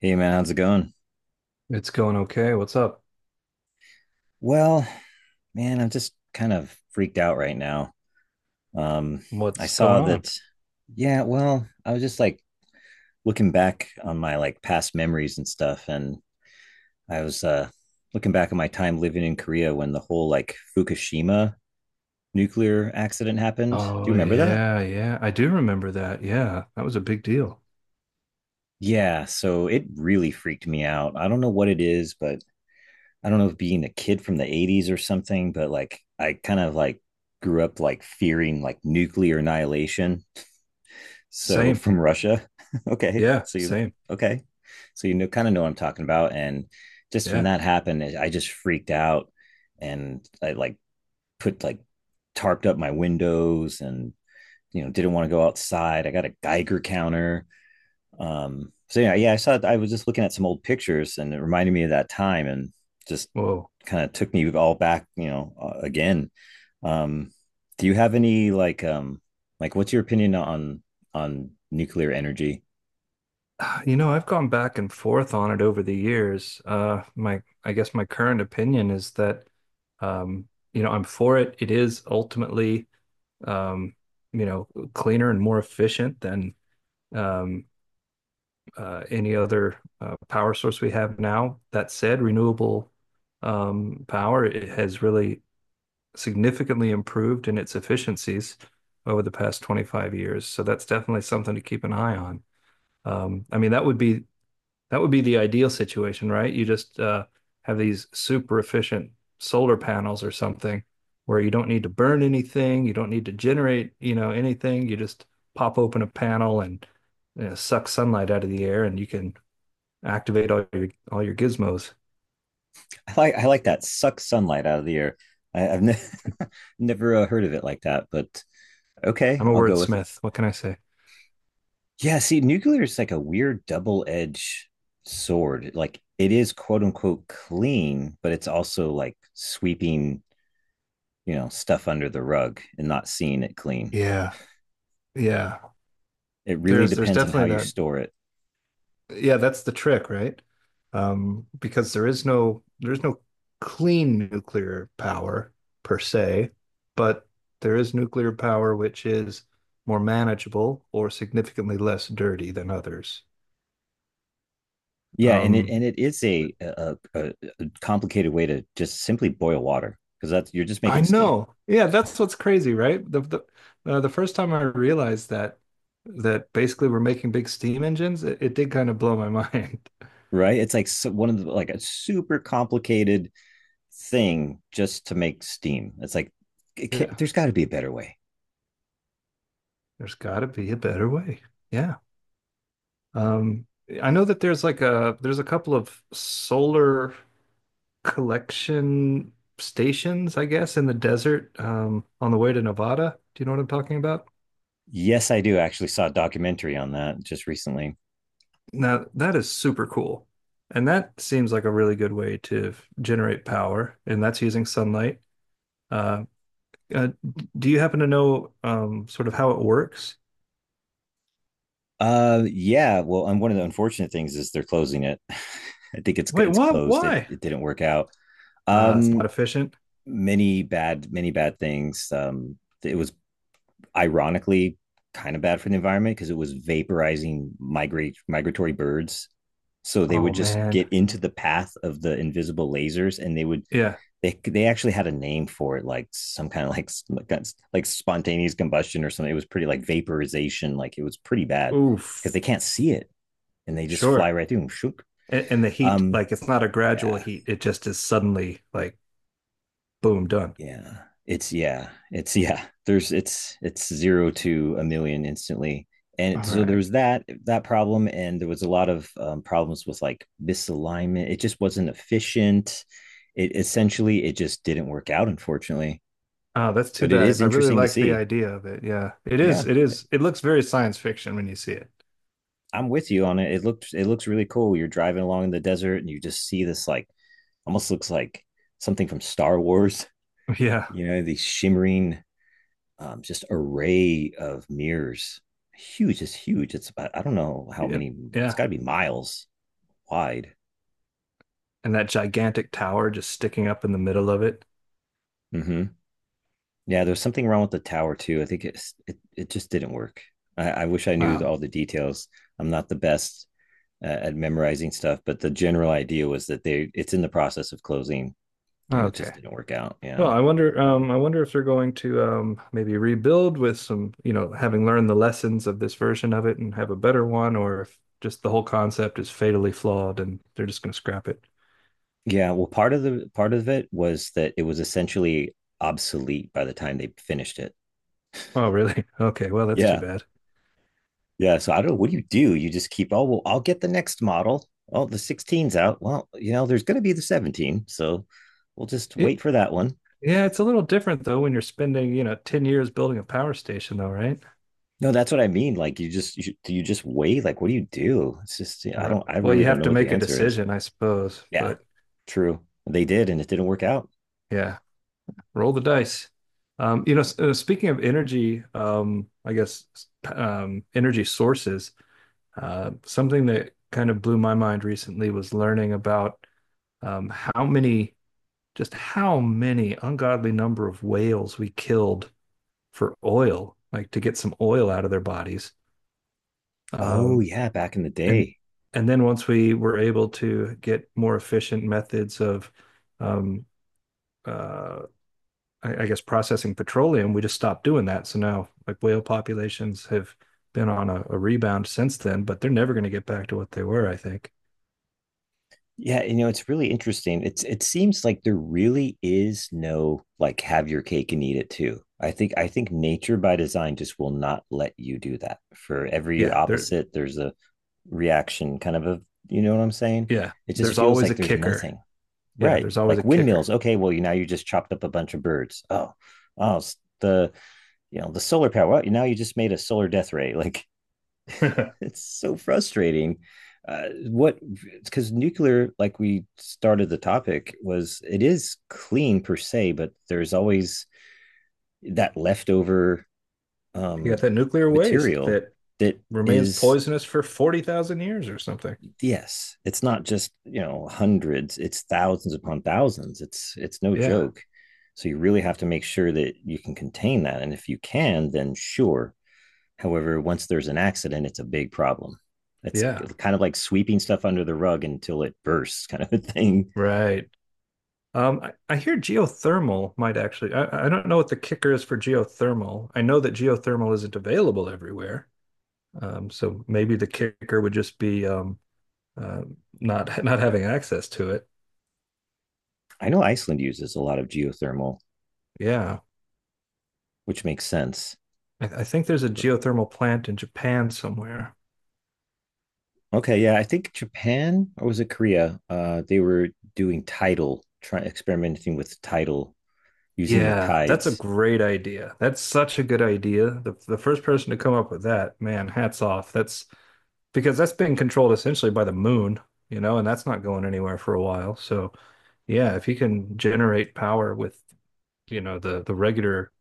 Hey man, how's it going? It's going okay. What's up? Well, man, I'm just kind of freaked out right now. Um, I What's saw going on? that, yeah, well, I was just like looking back on my like past memories and stuff, and I was looking back at my time living in Korea when the whole like Fukushima nuclear accident happened. Do Oh, you remember that? yeah, yeah. I do remember that. Yeah, that was a big deal. Yeah, so it really freaked me out. I don't know what it is, but I don't know if being a kid from the 80s or something, but like I kind of like grew up like fearing like nuclear annihilation. So Same. from Russia. Okay. Yeah, So you same. Okay. So kind of know what I'm talking about. And just when Yeah. that happened, I just freaked out and I like put like tarped up my windows and didn't want to go outside. I got a Geiger counter so yeah, yeah, I saw it. I was just looking at some old pictures, and it reminded me of that time, and just Whoa. kind of took me all back, again. Um, do you have any like, what's your opinion on nuclear energy? You know, I've gone back and forth on it over the years. I guess my current opinion is that, um, you know, I'm for it. It is ultimately, um, you know, cleaner and more efficient than, um, any other power source we have now. That said, renewable power it has really significantly improved in its efficiencies over the past 25 years. So that's definitely something to keep an eye on. I mean, that would be the ideal situation, right? You just have these super efficient solar panels or something where you don't need to burn anything, you don't need to generate, you know, anything. You just pop open a panel and you know, suck sunlight out of the air, and you can activate all your gizmos. I like that "suck sunlight out of the air." I've never heard of it like that, but okay, I'm a I'll go with it. wordsmith. What can I say? Yeah, see, nuclear is like a weird double edged sword. Like it is quote unquote clean, but it's also like sweeping stuff under the rug and not seeing it clean. Yeah, yeah. It really There's depends on how definitely you that. store it. Yeah, that's the trick, right? Because there's no clean nuclear power per se, but there is nuclear power which is more manageable or significantly less dirty than others. Yeah, and it and Um, it is but a complicated way to just simply boil water, because that's you're just I making steam. know. Yeah, that's what's crazy, right? The the first time I realized that that basically we're making big steam engines, it did kind of blow my mind. Right, it's like so, one of the like a super complicated thing just to make steam. It's like Yeah, there's got to be a better way. there's got to be a better way. Yeah. Um, I know that there's like a couple of solar collection stations, I guess, in the desert on the way to Nevada. Do you know what I'm talking about? Yes, I do. Actually saw a documentary on that just recently. Now, that is super cool. And that seems like a really good way to generate power, and that's using sunlight. Uh, uh, do you happen to know sort of how it works? Yeah. Well, and one of the unfortunate things is they're closing it. I think it's Wait, it's what? closed. It Why? it didn't work out. It's not Um, efficient. many bad things. It was ironically kind of bad for the environment because it was vaporizing migrate migratory birds. So they Oh would just man. get into the path of the invisible lasers, and they would Yeah. They actually had a name for it, like some kind of like spontaneous combustion or something. It was pretty like vaporization. Like it was pretty bad because Oof. they can't see it and they just fly Sure. right through them. And the heat, Um, like it's not a gradual yeah, heat. It just is suddenly like boom, done. yeah. It's yeah, it's yeah. There's it's zero to a million instantly, and All so there right. was that problem, and there was a lot of problems with like misalignment. It just wasn't efficient. It essentially it just didn't work out, unfortunately. Oh, that's too But it is bad. I really interesting to liked the see. idea of it. Yeah. It is, Yeah, it is, it looks very science fiction when you see it. I'm with you on it. It looked it looks really cool. You're driving along in the desert, and you just see this, like, almost looks like something from Star Wars. Yeah. You know, these shimmering, just array of mirrors. Huge. It's about, I don't know how Yeah. many. It's Yeah. got to be miles wide. And that gigantic tower just sticking up in the middle of it. Hmm. Yeah, there's something wrong with the tower too. I think it just didn't work. I wish I knew Wow. all the details. I'm not the best at memorizing stuff, but the general idea was that they it's in the process of closing, and it just Okay. didn't work out. Well, Yeah, it's a bummer. I wonder if they're going to maybe rebuild with some, you know, having learned the lessons of this version of it and have a better one, or if just the whole concept is fatally flawed and they're just going to scrap it. Yeah, well, part of it was that it was essentially obsolete by the time they finished it. Oh, really? Okay, well, that's too Yeah, bad. Yeah, so I don't know. What do? You just keep, oh, well, I'll get the next model. Oh, the 16's out. Well, there's going to be the 17. So we'll just It, wait for that one. yeah, it's a little different though when you're spending, you know, 10 years building a power station though, right? No, that's what I mean. Like, do you just wait? Like, what do you do? It's just, yeah, All I right. don't, I Well, really you don't have know to what the make a answer is. decision, I suppose, Yeah, but true. They did, and it didn't work out. yeah, roll the dice. You know, speaking of energy, I guess energy sources. Something that kind of blew my mind recently was learning about um, how many, just how many ungodly number of whales we killed for oil, like to get some oil out of their bodies. Oh, Um, yeah, back in the and day. and then once we were able to get more efficient methods of, um, uh, I, I guess, processing petroleum, we just stopped doing that. So now, like whale populations have been on a rebound since then, but they're never going to get back to what they were, I think. Yeah, it's really interesting. It seems like there really is no, like, "have your cake and eat it too." I think nature by design just will not let you do that. For every Yeah, they're opposite, there's a reaction kind of a, you know what I'm saying? yeah, It just there's feels always like a there's kicker. nothing. Yeah, Right. there's always a Like kicker. windmills. Okay, well, you now you just chopped up a bunch of birds. Oh. Oh, the solar power. Well, now you just made a solar death ray. Like it's so frustrating. What, because nuclear, like we started the topic, was, it is clean per se, but there's always that leftover, You got um, that nuclear waste material that that remains is, poisonous for 40,000 years or something. yes, it's not just hundreds, it's thousands upon thousands. It's no Yeah, joke. So you really have to make sure that you can contain that, and if you can, then sure. However, once there's an accident, it's a big problem. It's yeah, kind of like sweeping stuff under the rug until it bursts, kind of a thing. right. I hear geothermal might actually, I don't know what the kicker is for geothermal. I know that geothermal isn't available everywhere. So maybe the kicker would just be uh, not not having access to it. I know Iceland uses a lot of geothermal, Yeah, which makes sense. I, I think there's a geothermal plant in Japan somewhere. Okay, yeah, I think Japan or was it Korea? They were doing tidal, trying experimenting with tidal, using the Yeah, that's a tides. great idea. That's such a good idea. The first person to come up with that, man, hats off. That's because that's being controlled essentially by the moon, you know, and that's not going anywhere for a while. So, yeah, if you can generate power with, you know, the regular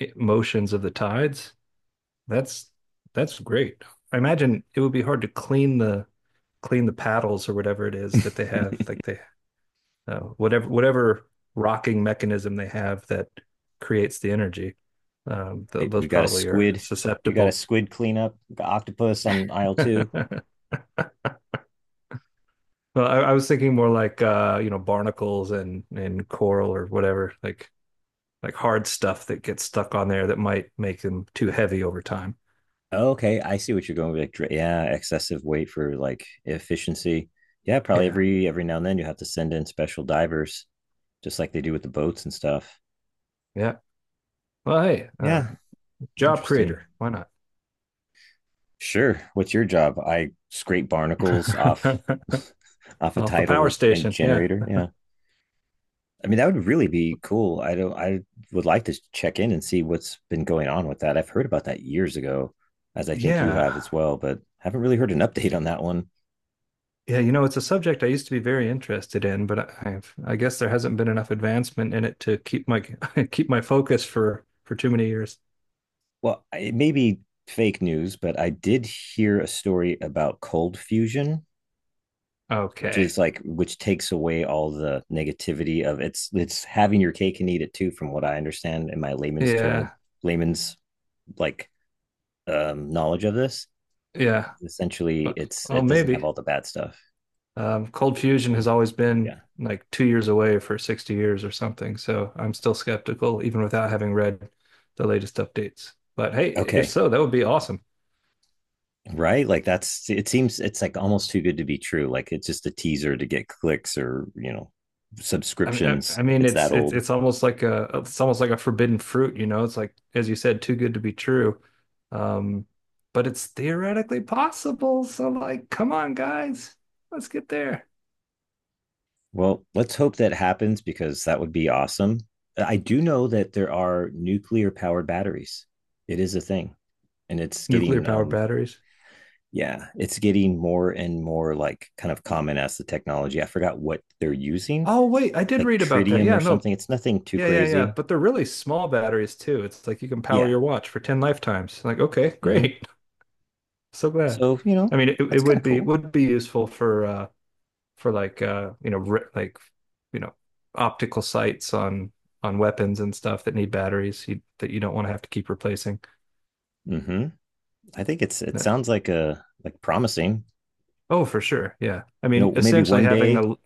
motions of the tides, that's that's great. I imagine it would be hard to clean the paddles or whatever it is that they have. Like they whatever rocking mechanism they have that creates the energy. Th Right, Those we got a probably are squid. We got a susceptible. squid cleanup. We got octopus on aisle two. Well, I was thinking more like you know, barnacles and coral or whatever, like hard stuff that gets stuck on there that might make them too heavy over time. Oh, okay, I see what you're going with. Like, yeah, excessive weight for like efficiency. Yeah, probably Yeah. every now and then you have to send in special divers, just like they do with the boats and stuff. Yeah. Well, hey, Yeah, job creator. interesting. Why not? Sure. What's your job? I scrape barnacles off off a Off the power tidal and station. Yeah. generator. Yeah. I mean, that would really be cool. I don't I would like to check in and see what's been going on with that. I've heard about that years ago, as I think you have as Yeah. well, but haven't really heard an update on that one. Yeah, you know, it's a subject I used to be very interested in, but I guess there hasn't been enough advancement in it to keep my keep my focus for too many years. Well, it may be fake news, but I did hear a story about cold fusion, which is Okay. like which takes away all the negativity of it's having your cake and eat it too, from what I understand in my layman's term, Yeah. layman's like knowledge of this. Yeah. Essentially, But, it's oh, it doesn't have maybe. all the bad stuff. Cold fusion Are has you- always been Yeah. like 2 years away for 60 years or something, so I'm still skeptical even without having read the latest updates. But hey, if Okay. so, that would be awesome. Right? Like that's it seems it's like almost too good to be true. Like it's just a teaser to get clicks or, I mean, I, subscriptions. I mean, It's it's that it's old. it's almost like a it's almost like a forbidden fruit, you know. It's like, as you said, too good to be true. Um, but it's theoretically possible. So, like, come on, guys, let's get there. Well, let's hope that happens because that would be awesome. I do know that there are nuclear powered batteries. It is a thing, and it's Nuclear getting power batteries. yeah, it's getting more and more, like, kind of common as the technology. I forgot what they're using, Oh, wait, I did like read about that. tritium or Yeah, no, something. It's nothing too yeah, yeah, yeah. crazy. But they're really small batteries too. It's like you can power Yeah. your watch for 10 lifetimes. Like, okay, Hmm. great. So glad. So It that's kind of cool. would be useful for like you know ri like you know optical sights on weapons and stuff that need batteries you, that you don't want to have to keep replacing. Hmm. I think it That, sounds like promising. oh, for sure. Yeah. I You know, mean, maybe essentially one having day. a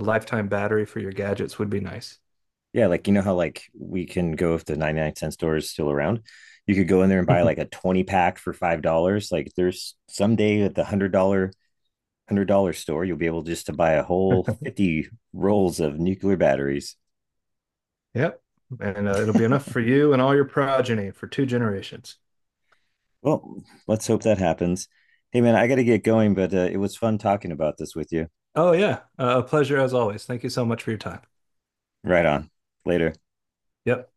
lifetime battery for your gadgets would be nice. Yeah, like you know how like we can go if the 99 cent store is still around. You could go in there and buy like a 20 pack for $5. Like there's someday at the one hundred dollar store, you'll be able just to buy a whole 50 rolls of nuclear batteries. Yep. And it'll be enough for you and all your progeny for 2 generations. Well, let's hope that happens. Hey man, I gotta get going, but it was fun talking about this with you. Oh, yeah. A pleasure as always. Thank you so much for your time. Right on. Later. Yep.